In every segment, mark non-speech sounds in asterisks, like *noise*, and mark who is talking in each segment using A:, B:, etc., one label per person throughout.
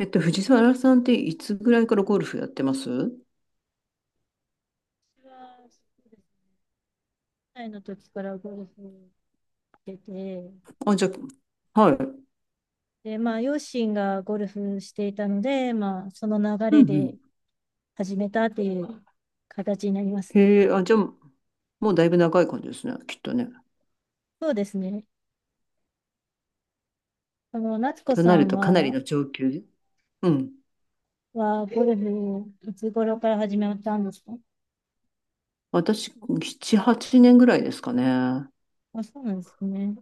A: 藤沢さんっていつぐらいからゴルフやってます？
B: は歳の時からゴルフしてて、
A: あ、じゃあ、はい。う
B: で、まあ、両親がゴルフしていたので、その流
A: んう
B: れで
A: ん。
B: 始めたっていう形になります。
A: へえ、あ、じゃあ、もうだいぶ長い感じですね、きっとね。
B: そうですね。夏子
A: とな
B: さ
A: る
B: ん
A: とかなり
B: は、
A: の上級。うん。
B: はゴルフ、いつ頃から始めたんですか？
A: 私、7、8年ぐらいですかね。
B: あ、そうなんですね。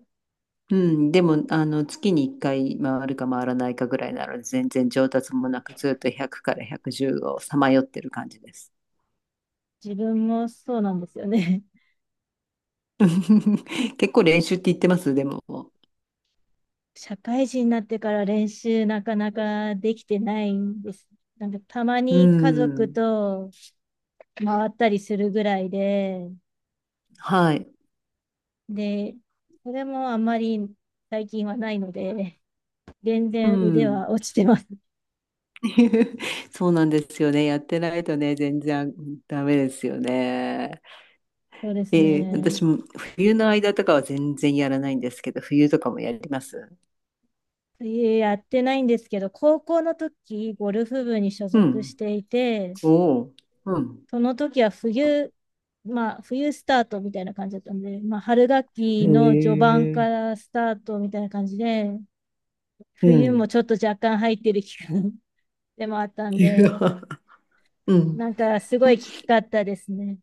A: うん。でも、あの、月に1回回るか回らないかぐらいなので、全然上達もなく、ずっと100から110をさまよってる感じです。
B: 自分もそうなんですよね。
A: *laughs* 結構練習って言ってます、でも。
B: *laughs* 社会人になってから練習なかなかできてないんです。なんかたま
A: う
B: に家族
A: ん。
B: と回ったりするぐらいで、
A: はい。
B: で、それもあんまり最近はないので、全
A: う
B: 然腕
A: ん。
B: は落ちてます。
A: *laughs* そうなんですよね。やってないとね、全然ダメですよね。
B: *laughs* そうですね。
A: 私も冬の間とかは全然やらないんですけど、冬とかもやります？
B: 水泳やってないんですけど、高校の時、ゴルフ部に所
A: う
B: 属し
A: ん。
B: ていて、
A: おお。うん。
B: その時は冬、冬スタートみたいな感じだったんで、春学
A: へ
B: 期の序盤か
A: え。
B: らスタートみたいな感じで、
A: う
B: 冬も
A: ん。
B: ちょっと若干入ってる期間 *laughs* でもあったんで、
A: *laughs* うん。
B: なんかすごいきつかったですね。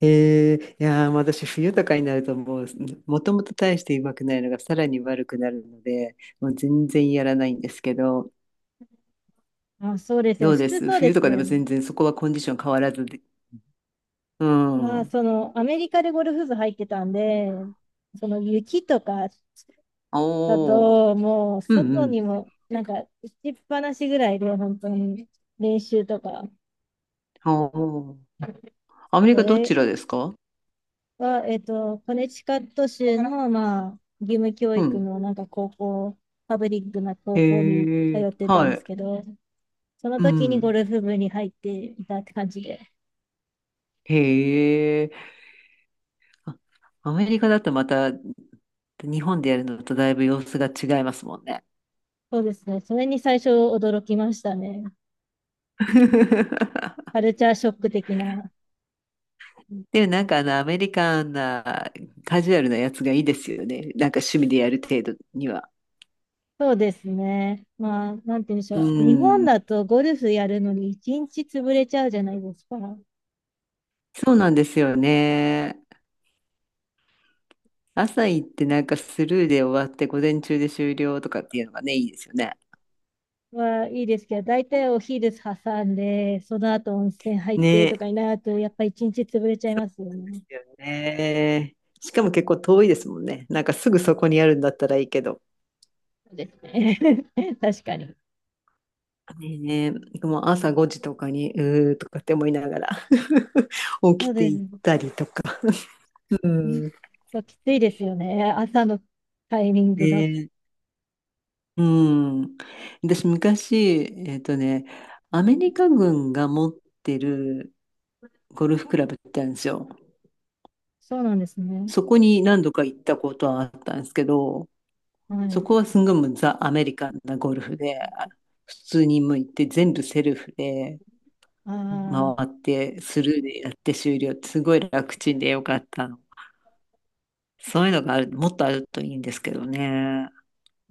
A: いやー、もう私、冬とかになると、もう、もともと大してうまくないのが、さらに悪くなるので、もう全然やらないんですけど、
B: あ、そうですよ
A: ど
B: ね。
A: う
B: 普
A: で
B: 通
A: す？
B: そうで
A: 冬と
B: す
A: かで
B: よ
A: も
B: ね。
A: 全然そこはコンディション変わらずで。うん。
B: アメリカでゴルフ部入ってたんで、その雪とかだ
A: おお。
B: と、もう、
A: うんう
B: 外に
A: ん。
B: も、打ちっぱなしぐらいで、本当に、練習とか、
A: ああ。アメリ
B: そ
A: カどち
B: れ
A: らですか？
B: は、コネチカット州の、義務教
A: う
B: 育
A: ん。
B: の、高校、パブリックな高校に通
A: へえ、
B: ってたん
A: は
B: です
A: い。
B: けど、その
A: う
B: 時にゴ
A: ん。
B: ルフ部に入っていたって感じで、
A: へえ。あ、アメリカだとまた日本でやるのとだいぶ様子が違いますもんね。
B: そうですね、それに最初驚きましたね。カ
A: *laughs*
B: ルチャーショック的な。
A: でもなんかあのアメリカンなカジュアルなやつがいいですよね。なんか趣味でやる程度には。
B: そうですね。なんて言うんでし
A: う
B: ょう。日本
A: ん。
B: だとゴルフやるのに一日潰れちゃうじゃないですか。
A: そうなんですよね。朝行ってなんかスルーで終わって午前中で終了とかっていうのがね、いいですよね。
B: はいいですけど、大体お昼挟んで、その後温泉入ってと
A: ね
B: かになると、やっぱ一日潰れちゃいますよ
A: なんで
B: ね。
A: すよね。しかも結構遠いですもんね。なんかすぐそこにあるんだったらいいけど。
B: そうですね。*laughs* 確かに。
A: ねえ、もう朝5時とかに、うーとかって思いながら *laughs* 起
B: そ
A: き
B: う
A: て
B: です
A: いっ
B: ね。
A: たりとか。うん。
B: そうきついですよね。朝のタイミン
A: ね
B: グだと。
A: え、うん。私昔、ね、アメリカ軍が持ってるゴルフクラブってあるんですよ。
B: そうなんですね。
A: そこに何度か行ったことはあったんですけど、
B: は
A: そ
B: い。
A: こはすんごいもうザ・アメリカンなゴルフで、普通に向いて全部セルフで
B: あ
A: 回
B: あ、
A: ってスルーでやって終了ってすごい楽ちんでよかったの。そういうのがもっとあるといいんですけどね。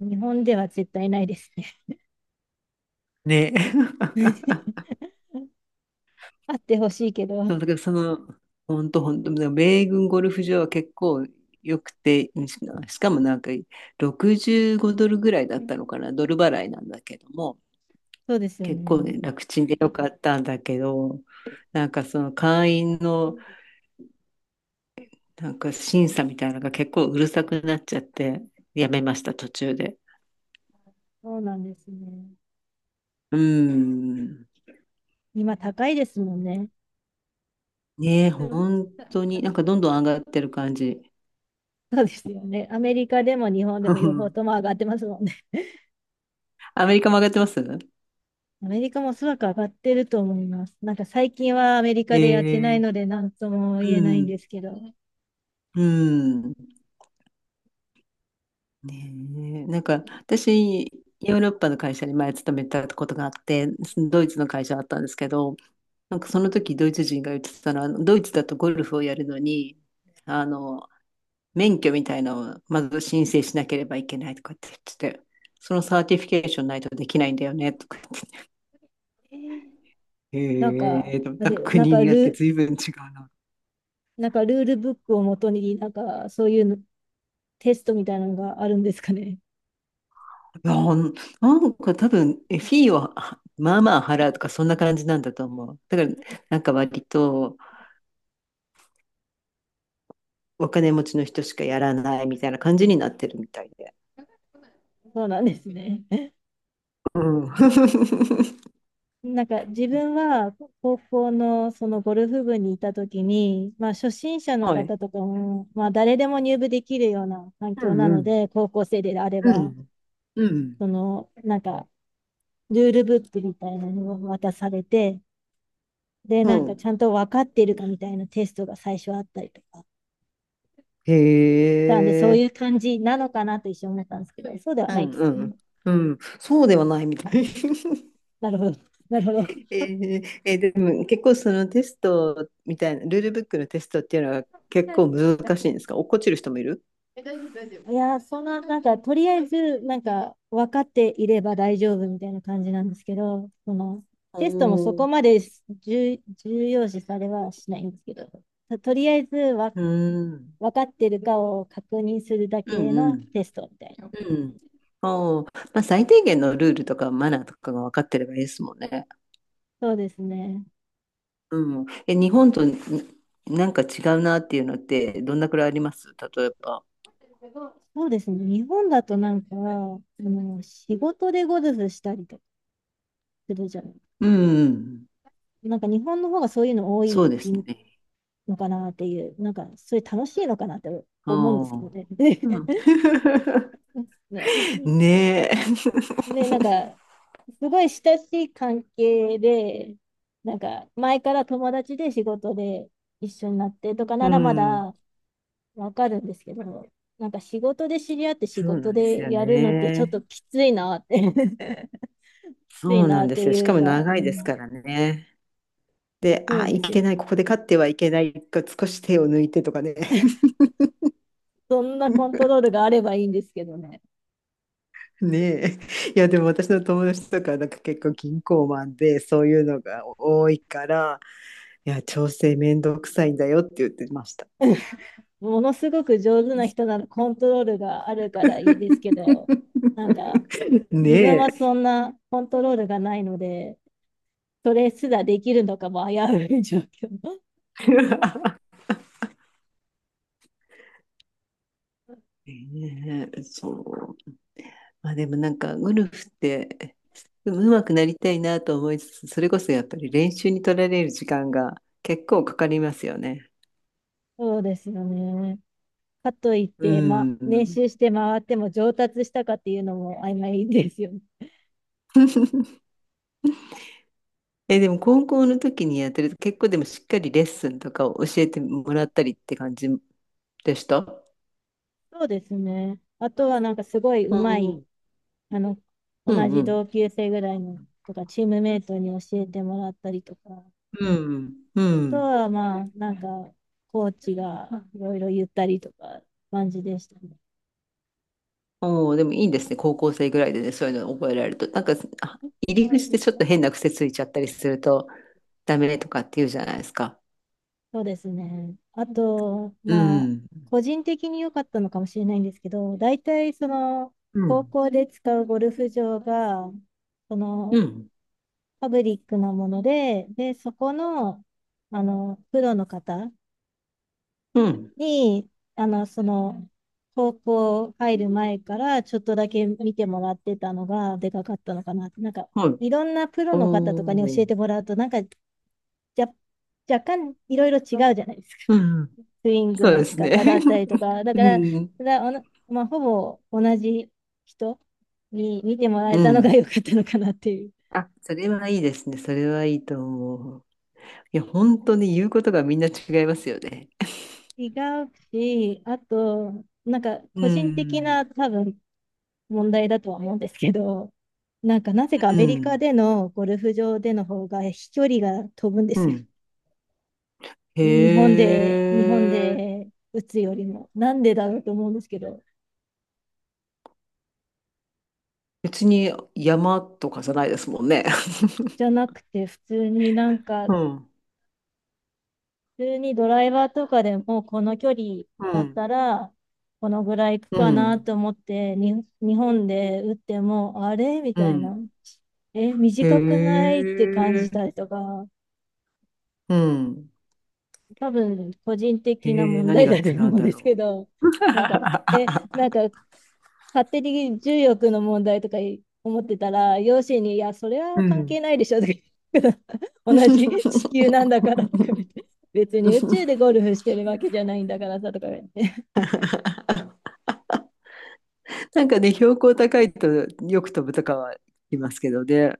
B: 日本では絶対ないですね。
A: ね。*laughs*
B: *laughs* あってほしいけど。
A: そうだからその、本当本当米軍ゴルフ場は結構良くて、しかもなんか65ドルぐらいだったのかな、ドル払いなんだけども、
B: そうですよ
A: 結構
B: ね。
A: ね、楽ちんでよかったんだけど、なんかその会員のなんか審査みたいなのが結構うるさくなっちゃって、やめました、途中で。
B: そうなんですね。
A: うん。
B: 今高いですもんね。
A: ねえ、本
B: *laughs*
A: 当に、なんかどんどん上がってる感じ。
B: そうですよね。アメリカでも日本
A: *laughs*
B: で
A: う
B: も両方
A: ん、
B: とも上がってますもんね。
A: アメリカも上がってます？
B: アメリカもおそらく上がってると思います。なんか最近はアメリカでやって
A: え
B: ない
A: え、
B: ので何とも言え
A: う
B: ないん
A: ん。
B: ですけど、
A: うん。ねえ、なんか私、ヨーロッパの会社に前勤めたことがあって、ドイツの会社だったんですけど、なんかその時ドイツ人が言ってたのは、ドイツだとゴルフをやるのに、あの、免許みたいなのをまず申請しなければいけないとかって言ってて、そのサーティフィケーションないとできないんだよねとか言って、
B: なんか、
A: へえ、なん
B: あ
A: か
B: れ、
A: 国によって随分違うな。
B: なんかルールブックをもとに、なんかそういうのテストみたいなのがあるんですかね？
A: なんなんか多分、フィーをまあまあ払うとかそんな感じなんだと思う。だからなんか割とお金持ちの人しかやらないみたいな感じになってるみたいで。
B: そうなんですね。
A: うん。*laughs*
B: なんか自分は高校のそのゴルフ部にいた時に、初心者の
A: はい。
B: 方とかも、誰でも入部できるような環
A: う
B: 境
A: ん
B: な
A: う
B: の
A: ん。
B: で、高校生であれ
A: う
B: ば、
A: んうん。
B: そのルールブックみたいなのを渡されて、で、
A: う
B: なんかち
A: ん。
B: ゃんと分かっているかみたいなテストが最初あったりとか。
A: へ
B: なんでそうい
A: え。
B: う感じなのかなと一瞬思ったんですけど、そうでは
A: う
B: ないで
A: ん
B: す
A: うん。
B: ね。
A: うん、そうではないみたい。*laughs*
B: なるほど。*laughs* なるほど。
A: えでも結構そのテストみたいな、ルールブックのテストっていうのは結構難しいんですか？落っこちる人もいる？
B: いやー、そんな、とりあえず、分かっていれば大丈夫みたいな感じなんですけど、その、
A: お
B: テストもそこま
A: ー、
B: で重要視されはしないんですけど、とりあえずわ、
A: うん、うん
B: 分かってるかを確認するだ
A: う
B: けの
A: ん、
B: テストみたいな。
A: うん。おー、まあ、最低限のルールとかマナーとかが分かってればいいですもんね。
B: そうですね。
A: うん。え、日本となんか違うなっていうのってどんなくらいあります？例えば。
B: そうですね。日本だとなんか、仕事でゴルフしたりとかするじゃない。
A: うんうん、
B: なんか、日本の方がそういうの多
A: そう
B: い
A: ですね。
B: のかなっていう、なんか、それ楽しいのかなって思うん
A: お
B: ですけど
A: ー、
B: ね。
A: うん。
B: *laughs*
A: *laughs*
B: ない
A: ねえ。*laughs*
B: ね、すごい親しい関係で、前から友達で仕事で一緒になってとか
A: う
B: ならま
A: ん。
B: だわかるんですけど、なんか仕事で知り合って仕
A: そうな
B: 事
A: んです
B: で
A: よ
B: やるのってちょっ
A: ね。
B: ときついなって *laughs* きつい
A: そうな
B: な
A: ん
B: っ
A: で
B: て
A: すよ。し
B: い
A: か
B: う
A: も
B: か、う
A: 長いです
B: ん、
A: からね。で、
B: そう
A: あ、
B: で
A: い
B: す
A: け
B: よ。
A: ない、ここで勝ってはいけないか、少し手を抜いてとかね。
B: そんなコント
A: *laughs*
B: ロールがあればいいんですけどね。
A: ねえ。いや、でも私の友達とか、なんか結構銀行マンで、そういうのが多いから、いや、調整めんどくさいんだよって言ってました。
B: ものすごく上手な人ならコントロールがあるからいいですけど、なんか、
A: *laughs*
B: 自
A: ね
B: 分
A: え。
B: はそんなコントロールがないので、それすらできるのかも危うい状況。
A: *laughs* ねえ、そう。まあでもなんか、ゴルフって、でも上手くなりたいなと思いつつ、それこそやっぱり練習に取られる時間が結構かかりますよね。
B: *laughs* そうですよね。かといっ
A: う
B: て、練
A: ん。
B: 習して回っても上達したかっていうのも曖昧ですよね。
A: *laughs* え、でも高校の時にやってると結構でもしっかりレッスンとかを教えてもらった
B: *laughs*
A: りって感じでした？
B: そうですね。あとはなんかすごい上手い、
A: ー
B: あの、
A: う
B: 同
A: んう
B: じ
A: ん。
B: 同級生ぐらいのとか、チームメイトに教えてもらったりとか、あ
A: うん。う
B: と
A: ん。
B: はコーチがいろいろ言ったりとか、感じでしたね。
A: おおー、でもいいですね。高校生ぐらいでね、そういうのを覚えられると。なんか、あ、入り口でちょっと変な癖ついちゃったりするとダメとかって言うじゃないですか。
B: そうですね。あと、
A: う
B: まあ、
A: ん。
B: 個人的に良かったのかもしれないんですけど、大体その、
A: う
B: 高
A: ん。
B: 校で使うゴルフ場が、そ
A: う
B: の、
A: ん。
B: パブリックなもので、で、そこの、プロの方
A: うん。
B: に、あの、その、高校入る前からちょっとだけ見てもらってたのがでかかったのかな。なんか、
A: はい。
B: いろんなプロの方とかに
A: お
B: 教えて
A: ー。
B: もらうと、なんか、ゃ、若干いろいろ違うじゃないですか。
A: うんうん。
B: スイング
A: そう
B: の
A: で
B: 仕
A: すね。
B: 方だったりと
A: *laughs*
B: か、だ
A: う
B: から、
A: ん。
B: だおなまあ、ほぼ同じ人に見てもら
A: う
B: えたのが
A: ん。
B: 良かったのかなっていう。
A: あ、それはいいですね。それはいいと思う。いや、本当に言うことがみんな違いますよね。
B: *laughs* 違うし、あと、なんか
A: う
B: 個人的
A: ん。
B: な多分問題だとは思うんですけど、なんかなぜかア
A: う
B: メリカ
A: ん。
B: でのゴルフ場での方が飛距離が飛ぶんで
A: う
B: すよ。
A: ん。へ
B: 日本
A: え。
B: で打つよりも。なんでだろうと思うんですけど。
A: 別に山とかじゃないですもんね。
B: じゃなくて、
A: *laughs* うん。
B: 普通にドライバーとかでもこの距離
A: う
B: だっ
A: ん。
B: たらこのぐらいいく
A: う
B: かな
A: ん。
B: と思ってに日本で打ってもあれみ
A: う
B: たい
A: ん。
B: な。え、
A: へ
B: 短くないって感じた
A: え。
B: りとか、
A: うん。
B: 多分個人的な
A: へえ、
B: 問
A: 何
B: 題
A: が
B: だと
A: 違う
B: 思
A: ん
B: うん
A: だ
B: ですけ
A: ろ
B: ど、
A: う。
B: なんか、え、な
A: *laughs*
B: んか勝手に重力の問題とかい思ってたら、両親に、いや、それ
A: う
B: は関
A: ん。
B: 係ないでしょとか言って *laughs* 同じ地
A: *laughs*
B: 球なんだからとか言って、別に宇宙でゴ
A: *laughs*
B: ルフしてるわけじゃないんだからさとか言って。
A: なんかね、標高高いとよく飛ぶとかはいますけどね。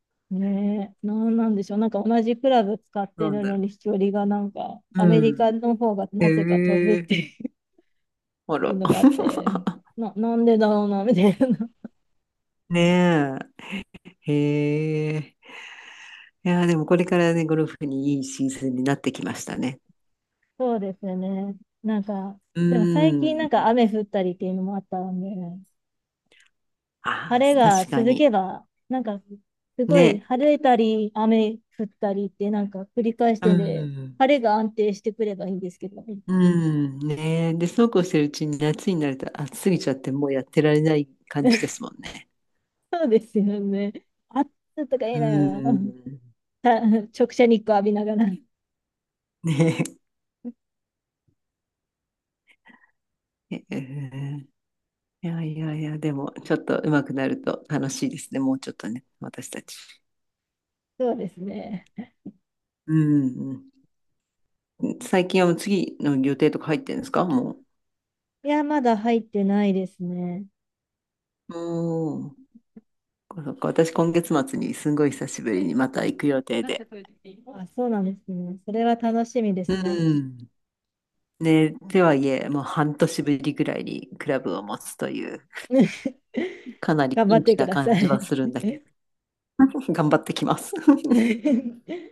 B: *laughs* ねえ、なんなんでしょう。なんか同じクラブ使って
A: なん
B: る
A: だ
B: の
A: ろ
B: に飛距離がなんか、
A: う。
B: アメ
A: う
B: リ
A: ん。
B: カの方が
A: へ
B: なぜか飛ぶっ
A: え。
B: て
A: あ
B: い
A: ら。
B: うのがあって、
A: *laughs*
B: なんでだろうな、みたいな。
A: ねえ。へえ。いやー、でもこれからね、ゴルフにいいシーズンになってきましたね。
B: *laughs* そうですよね。なんか、
A: う
B: でも最近な
A: ん。
B: んか雨降ったりっていうのもあったんで、晴
A: あ
B: れ
A: あ、
B: が
A: 確か
B: 続け
A: に。
B: ば、なんか、すごい
A: ね。
B: 晴れたり、雨降ったりって、なんか繰り返し
A: う
B: てんで、
A: ん。
B: 晴れが安定してくればいいんですけど。
A: うん。ねえ。で、そうこうしてるうちに夏になると暑すぎちゃってもうやってられない感じです
B: *laughs*
A: もんね。
B: そうですよね。暑とかい
A: う
B: いなよ。
A: ん。
B: *laughs* た直射日光浴びながら。
A: ねえ。へえー、いやいやいや、でも、ちょっと上手くなると楽しいですね。もうちょっとね、私たち。
B: そうですね。
A: うんうん。最近はもう次の予定とか入ってるんですか？も
B: いや、まだ入ってないですね。
A: う。おー、そっか、私、今月末にすんごい久しぶりにまた行く予定で。
B: あ、そうなんですね。それは楽しみで
A: う
B: すね。
A: ん。ね、とはいえ、もう半年ぶりぐらいにクラブを持つという、
B: *laughs*
A: かなり
B: 頑張
A: ピ
B: っ
A: ン
B: て
A: チ
B: く
A: な
B: ださ
A: 感じは
B: い。
A: するんだけど、頑張ってきます。*laughs*
B: *laughs*